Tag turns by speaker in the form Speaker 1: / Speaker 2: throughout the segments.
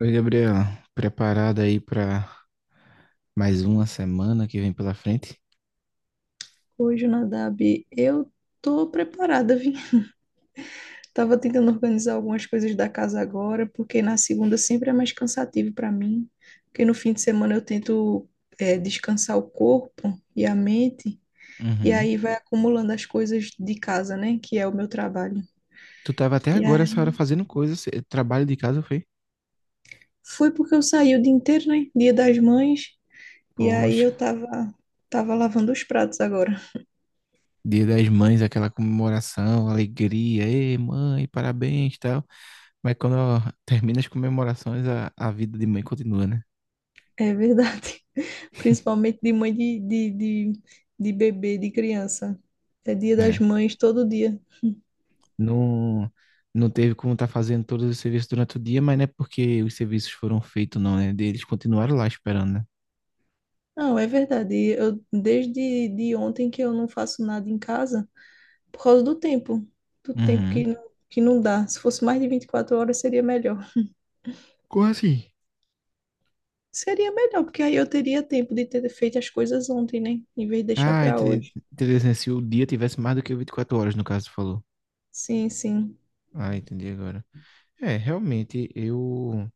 Speaker 1: Oi, Gabriel. Preparado aí pra mais uma semana que vem pela frente?
Speaker 2: Hoje, Nadab, eu tô preparada, vim. Tava tentando organizar algumas coisas da casa agora, porque na segunda sempre é mais cansativo para mim, porque no fim de semana eu tento descansar o corpo e a mente, e
Speaker 1: Uhum.
Speaker 2: aí vai acumulando as coisas de casa, né, que é o meu trabalho.
Speaker 1: Tu tava até
Speaker 2: E
Speaker 1: agora essa
Speaker 2: aí,
Speaker 1: hora fazendo coisa, trabalho de casa, foi?
Speaker 2: foi porque eu saí o dia inteiro, né, Dia das Mães, e aí
Speaker 1: Poxa,
Speaker 2: eu tava lavando os pratos agora.
Speaker 1: Dia das Mães, aquela comemoração, alegria, ei, mãe, parabéns, e tal. Mas quando termina as comemorações, a vida de mãe continua, né?
Speaker 2: É verdade. Principalmente de mãe de bebê, de criança. É dia das
Speaker 1: É.
Speaker 2: mães todo dia.
Speaker 1: Não, não teve como estar fazendo todos os serviços durante o dia, mas não é porque os serviços foram feitos, não, né? Eles continuaram lá esperando, né?
Speaker 2: Não, é verdade. Eu, desde de ontem que eu não faço nada em casa por causa do tempo. Do tempo
Speaker 1: Uhum.
Speaker 2: que não dá. Se fosse mais de 24 horas, seria melhor.
Speaker 1: Como assim?
Speaker 2: Seria melhor, porque aí eu teria tempo de ter feito as coisas ontem, né? Em vez de deixar
Speaker 1: Ah,
Speaker 2: para
Speaker 1: entendi.
Speaker 2: hoje.
Speaker 1: Interessante. Se o dia tivesse mais do que 24 horas, no caso, tu falou.
Speaker 2: Sim, sim.
Speaker 1: Ah, entendi agora. É, realmente, eu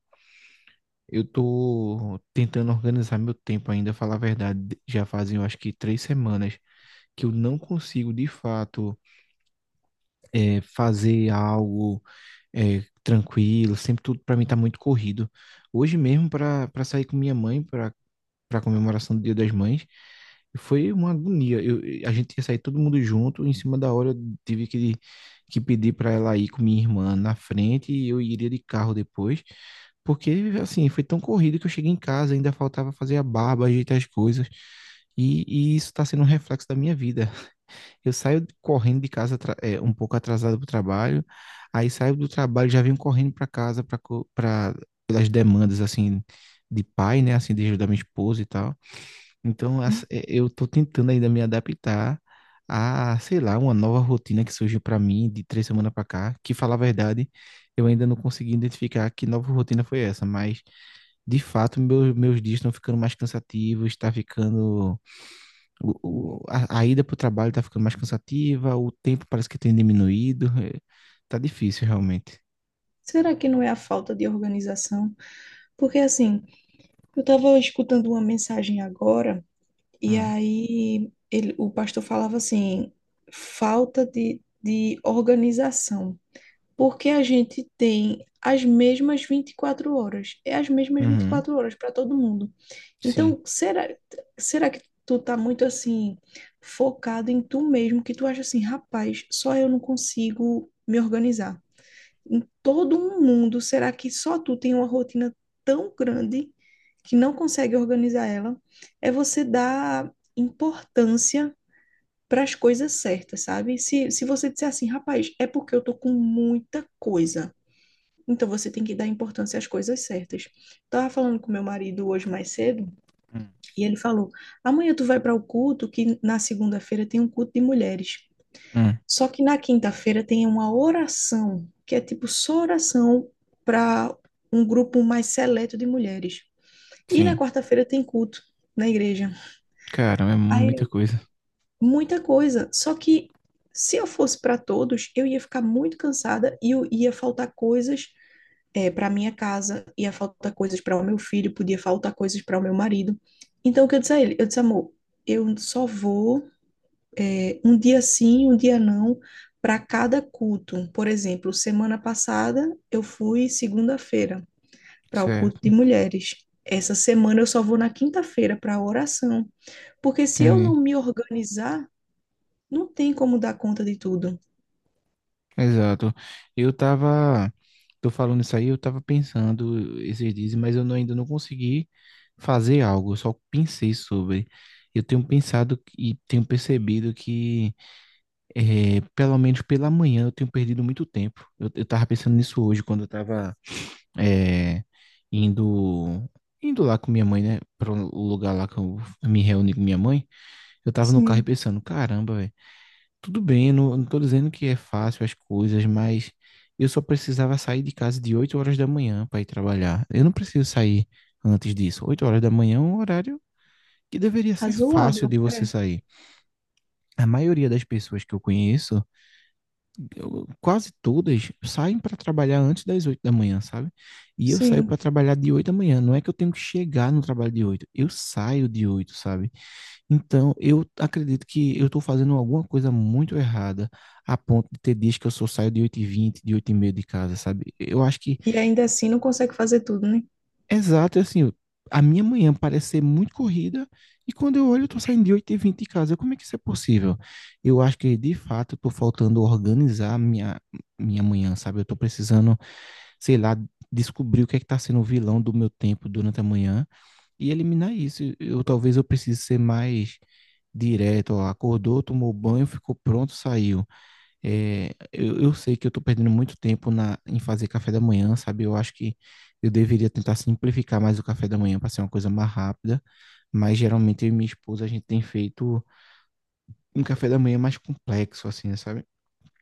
Speaker 1: eu tô tentando organizar meu tempo ainda, falar a verdade. Já fazem, eu acho que 3 semanas que eu não consigo, de fato, é, fazer algo é, tranquilo. Sempre tudo para mim tá muito corrido. Hoje mesmo, para sair com minha mãe, para comemoração do Dia das Mães. E foi uma agonia. A gente ia sair todo mundo junto, em cima da hora eu tive que pedir para ela ir com minha irmã na frente e eu iria de carro depois. Porque, assim, foi tão corrido que eu cheguei em casa, ainda faltava fazer a barba, ajeitar as coisas. E isso está sendo um reflexo da minha vida. Eu saio correndo de casa um pouco atrasado para o trabalho, aí saio do trabalho já venho correndo para casa para pelas demandas assim de pai, né, assim de ajudar minha esposa e tal. Então, eu estou tentando ainda me adaptar a, sei lá, uma nova rotina que surgiu para mim de 3 semanas para cá, que, falar a verdade, eu ainda não consegui identificar que nova rotina foi essa, mas, de fato, meus dias estão ficando mais cansativos, está ficando. A ida para o trabalho está ficando mais cansativa, o tempo parece que tem diminuído, tá difícil, realmente.
Speaker 2: Será que não é a falta de organização? Porque assim, eu estava escutando uma mensagem agora. E
Speaker 1: Hum.
Speaker 2: aí ele, o pastor falava assim, falta de organização. Porque a gente tem as mesmas 24 horas. É as mesmas vinte e
Speaker 1: Uhum.
Speaker 2: quatro horas para todo mundo.
Speaker 1: Sim.
Speaker 2: Então, será que tu tá muito assim, focado em tu mesmo, que tu acha assim, rapaz, só eu não consigo me organizar? Em todo um mundo, será que só tu tem uma rotina tão grande que não consegue organizar ela? É você dar importância para as coisas certas, sabe? Se você disser assim, rapaz, é porque eu tô com muita coisa. Então você tem que dar importância às coisas certas. Tava falando com meu marido hoje mais cedo
Speaker 1: Hum.
Speaker 2: e ele falou: "Amanhã tu vai para o culto que na segunda-feira tem um culto de mulheres".
Speaker 1: Hum.
Speaker 2: Só que na quinta-feira tem uma oração, que é tipo só oração para um grupo mais seleto de mulheres. E na
Speaker 1: Sim.
Speaker 2: quarta-feira tem culto na igreja.
Speaker 1: Cara, é
Speaker 2: Aí,
Speaker 1: muita coisa.
Speaker 2: muita coisa. Só que se eu fosse para todos, eu ia ficar muito cansada e eu ia faltar coisas para minha casa, ia faltar coisas para o meu filho, podia faltar coisas para o meu marido. Então, o que eu disse a ele? Eu disse, amor, eu só vou um dia sim, um dia não, para cada culto. Por exemplo, semana passada eu fui segunda-feira para o culto de
Speaker 1: Certo.
Speaker 2: mulheres. Essa semana eu só vou na quinta-feira para a oração, porque se eu não
Speaker 1: Entendi.
Speaker 2: me organizar, não tem como dar conta de tudo.
Speaker 1: Exato. Eu tava, tô falando isso aí, eu tava pensando esses dias, mas eu não- ainda não consegui fazer algo, eu só pensei sobre. Eu tenho pensado e tenho percebido que, pelo menos pela manhã, eu tenho perdido muito tempo. Eu tava pensando nisso hoje, quando eu tava, eh, indo, indo lá com minha mãe, né, para o lugar lá que eu me reúno com minha mãe, eu tava no carro e
Speaker 2: Sim,
Speaker 1: pensando, caramba, velho. Tudo bem, eu não tô dizendo que é fácil as coisas, mas eu só precisava sair de casa de 8 horas da manhã para ir trabalhar. Eu não preciso sair antes disso. 8 horas da manhã é um horário que deveria ser fácil de
Speaker 2: razoável,
Speaker 1: você
Speaker 2: é,
Speaker 1: sair. A maioria das pessoas que eu conheço, quase todas, saem para trabalhar antes das 8 da manhã, sabe? E eu saio para
Speaker 2: sim.
Speaker 1: trabalhar de 8 da manhã. Não é que eu tenho que chegar no trabalho de oito, eu saio de oito, sabe? Então, eu acredito que eu estou fazendo alguma coisa muito errada, a ponto de ter dias que eu só saio de oito e vinte, de oito e 30 de casa, sabe? Eu acho que,
Speaker 2: E ainda assim não consegue fazer tudo, né?
Speaker 1: exato, é assim, a minha manhã parece ser muito corrida, e quando eu olho, eu estou saindo de oito e vinte de casa. Como é que isso é possível? Eu acho que, de fato, eu estou faltando organizar a minha manhã, sabe? Eu estou precisando, sei lá, descobrir o que é que está sendo o vilão do meu tempo durante a manhã e eliminar isso. Eu talvez eu precise ser mais direto. Ó, acordou, tomou banho, ficou pronto, saiu. É, eu sei que eu estou perdendo muito tempo na, em fazer café da manhã, sabe? Eu acho que eu deveria tentar simplificar mais o café da manhã para ser uma coisa mais rápida, mas geralmente eu e minha esposa a gente tem feito um café da manhã mais complexo, assim, sabe?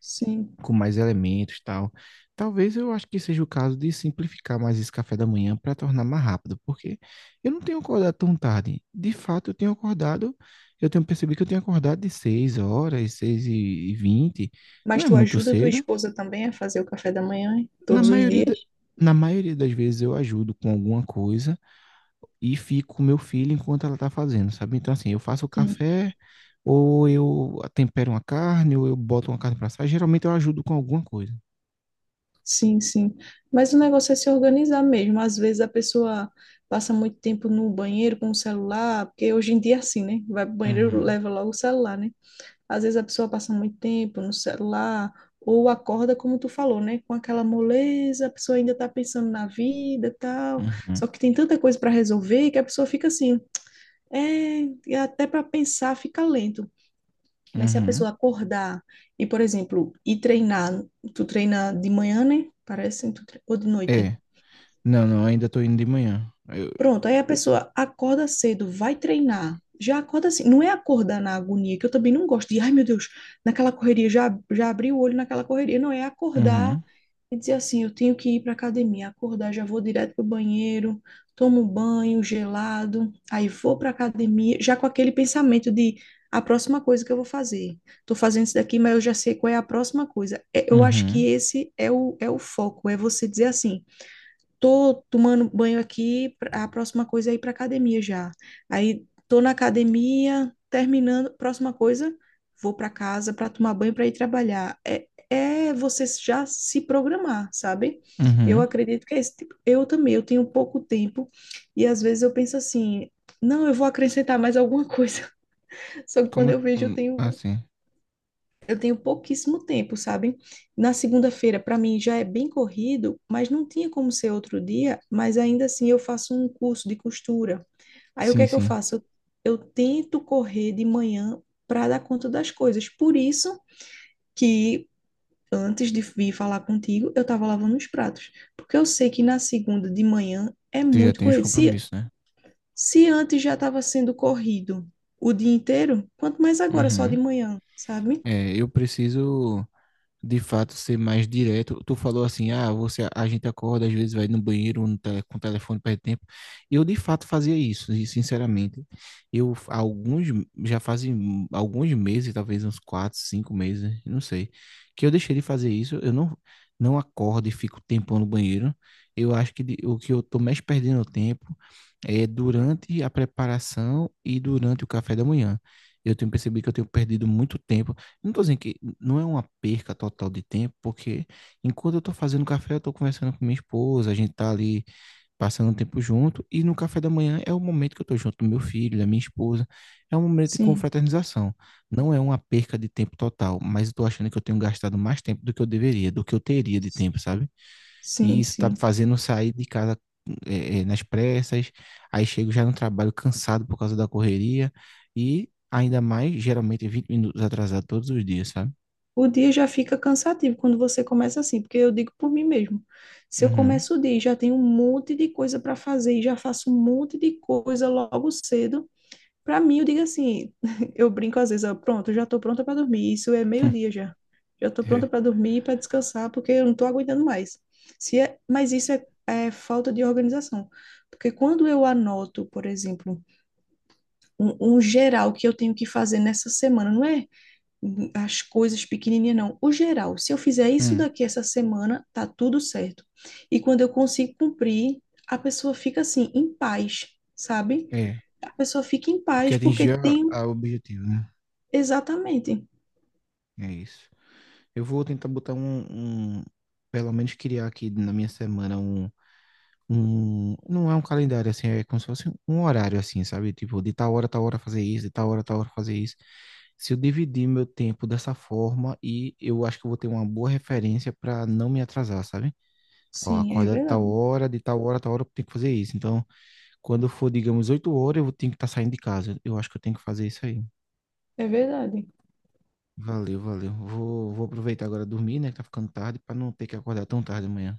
Speaker 2: Sim.
Speaker 1: Com mais elementos e tal. Talvez eu acho que seja o caso de simplificar mais esse café da manhã para tornar mais rápido, porque eu não tenho acordado tão tarde. De fato, eu tenho acordado, eu tenho percebido que eu tenho acordado de 6 horas, 6h20. Não
Speaker 2: Mas
Speaker 1: é
Speaker 2: tu
Speaker 1: muito
Speaker 2: ajuda tua
Speaker 1: cedo.
Speaker 2: esposa também a fazer o café da manhã, hein?
Speaker 1: Na
Speaker 2: Todos os
Speaker 1: maioria,
Speaker 2: dias?
Speaker 1: na maioria das vezes eu ajudo com alguma coisa e fico com meu filho enquanto ela tá fazendo, sabe? Então, assim, eu faço o
Speaker 2: Sim.
Speaker 1: café, ou eu tempero uma carne, ou eu boto uma carne para assar. Geralmente eu ajudo com alguma coisa.
Speaker 2: Sim, sim. Mas o negócio é se organizar mesmo. Às vezes a pessoa passa muito tempo no banheiro com o celular, porque hoje em dia é assim, né? Vai pro banheiro,
Speaker 1: Uhum,
Speaker 2: leva logo o celular, né? Às vezes a pessoa passa muito tempo no celular, ou acorda, como tu falou, né? Com aquela moleza, a pessoa ainda tá pensando na vida, e tal.
Speaker 1: uhum.
Speaker 2: Só que tem tanta coisa para resolver que a pessoa fica assim, é, e até para pensar fica lento. Mas se a
Speaker 1: Uhum.
Speaker 2: pessoa acordar e, por exemplo, ir treinar, tu treina de manhã, né? Parece, ou de noite?
Speaker 1: É. Não, não, ainda estou indo de manhã. Eu.
Speaker 2: Pronto, aí a pessoa acorda cedo, vai treinar. Já acorda assim, não é acordar na agonia, que eu também não gosto de, ai meu Deus, naquela correria, já abri o olho naquela correria. Não, é acordar
Speaker 1: Uhum.
Speaker 2: e dizer assim, eu tenho que ir para academia. Acordar, já vou direto pro banheiro, tomo banho gelado, aí vou para academia, já com aquele pensamento de a próxima coisa que eu vou fazer. Tô fazendo isso daqui, mas eu já sei qual é a próxima coisa. É, eu acho que
Speaker 1: Uhum.
Speaker 2: esse é é o foco, é você dizer assim, tô tomando banho aqui, a próxima coisa é ir para academia já. Aí tô na academia, terminando, próxima coisa, vou para casa para tomar banho para ir trabalhar. É, é você já se programar, sabe? Eu
Speaker 1: Uhum.
Speaker 2: acredito que é esse tipo. Eu também, eu tenho pouco tempo e às vezes eu penso assim, não, eu vou acrescentar mais alguma coisa. Só que quando eu vejo,
Speaker 1: Ah, sim.
Speaker 2: eu tenho pouquíssimo tempo, sabe? Na segunda-feira, para mim, já é bem corrido, mas não tinha como ser outro dia, mas ainda assim eu faço um curso de costura. Aí o que
Speaker 1: Sim,
Speaker 2: é que eu
Speaker 1: sim.
Speaker 2: faço? Eu tento correr de manhã para dar conta das coisas. Por isso que antes de vir falar contigo, eu estava lavando os pratos, porque eu sei que na segunda de manhã é
Speaker 1: Tu já
Speaker 2: muito
Speaker 1: tem os
Speaker 2: corrido.
Speaker 1: compromissos, né?
Speaker 2: Se antes já estava sendo corrido o dia inteiro, quanto mais agora, só de
Speaker 1: Uhum.
Speaker 2: manhã, sabe?
Speaker 1: É, eu preciso de fato ser mais direto. Tu falou assim, ah, você, a gente acorda, às vezes vai no banheiro no tele, com o telefone perde tempo. Eu de fato fazia isso, e sinceramente. Eu alguns, já fazem alguns meses, talvez uns quatro, cinco meses, não sei, que eu deixei de fazer isso. Eu não acordo e fico tempo no banheiro. Eu acho que o que eu tô mais perdendo tempo é durante a preparação e durante o café da manhã. Eu tenho percebido que eu tenho perdido muito tempo, não tô dizendo que não é uma perca total de tempo, porque enquanto eu tô fazendo café, eu tô conversando com minha esposa, a gente tá ali passando um tempo junto, e no café da manhã é o momento que eu tô junto do meu filho, da minha esposa, é um momento de
Speaker 2: Sim.
Speaker 1: confraternização. Não é uma perca de tempo total, mas eu tô achando que eu tenho gastado mais tempo do que eu deveria, do que eu teria de tempo, sabe? E
Speaker 2: Sim,
Speaker 1: isso tá me
Speaker 2: sim.
Speaker 1: fazendo sair de casa nas pressas, aí chego já no trabalho cansado por causa da correria, e ainda mais, geralmente 20 minutos atrasado todos os dias, sabe?
Speaker 2: O dia já fica cansativo quando você começa assim, porque eu digo por mim mesmo. Se eu
Speaker 1: Uhum.
Speaker 2: começo o dia e já tenho um monte de coisa para fazer e já faço um monte de coisa logo cedo, para mim eu digo assim, eu brinco às vezes, ó, pronto, eu já estou pronta para dormir. Isso é meio-dia já. Já estou pronta para dormir e para descansar, porque eu não estou aguentando mais. Se é, mas isso é falta de organização. Porque quando eu anoto, por exemplo, um geral que eu tenho que fazer nessa semana, não é? As coisas pequenininhas, não. O geral, se eu fizer isso
Speaker 1: Hum,
Speaker 2: daqui essa semana, tá tudo certo. E quando eu consigo cumprir, a pessoa fica assim, em paz, sabe?
Speaker 1: é,
Speaker 2: A pessoa fica em
Speaker 1: porque
Speaker 2: paz porque
Speaker 1: atingir a
Speaker 2: tem um,
Speaker 1: a objetivo, né?
Speaker 2: exatamente.
Speaker 1: É isso. Eu vou tentar botar pelo menos criar aqui na minha semana um, não é um calendário assim, é como se fosse um horário assim, sabe? Tipo, de tal hora fazer isso, de tal hora fazer isso. Se eu dividir meu tempo dessa forma e eu acho que eu vou ter uma boa referência para não me atrasar, sabe? Ó,
Speaker 2: Sim, é
Speaker 1: acordar
Speaker 2: verdade.
Speaker 1: de tal hora eu tenho que fazer isso. Então, quando for, digamos, 8 horas, tenho que estar saindo de casa. Eu acho que eu tenho que fazer isso aí.
Speaker 2: É verdade.
Speaker 1: Valeu, valeu. Vou aproveitar agora dormir, né? Que tá ficando tarde, para não ter que acordar tão tarde amanhã.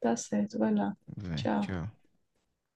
Speaker 2: Tá certo, vai lá.
Speaker 1: Vai,
Speaker 2: Tchau.
Speaker 1: tchau.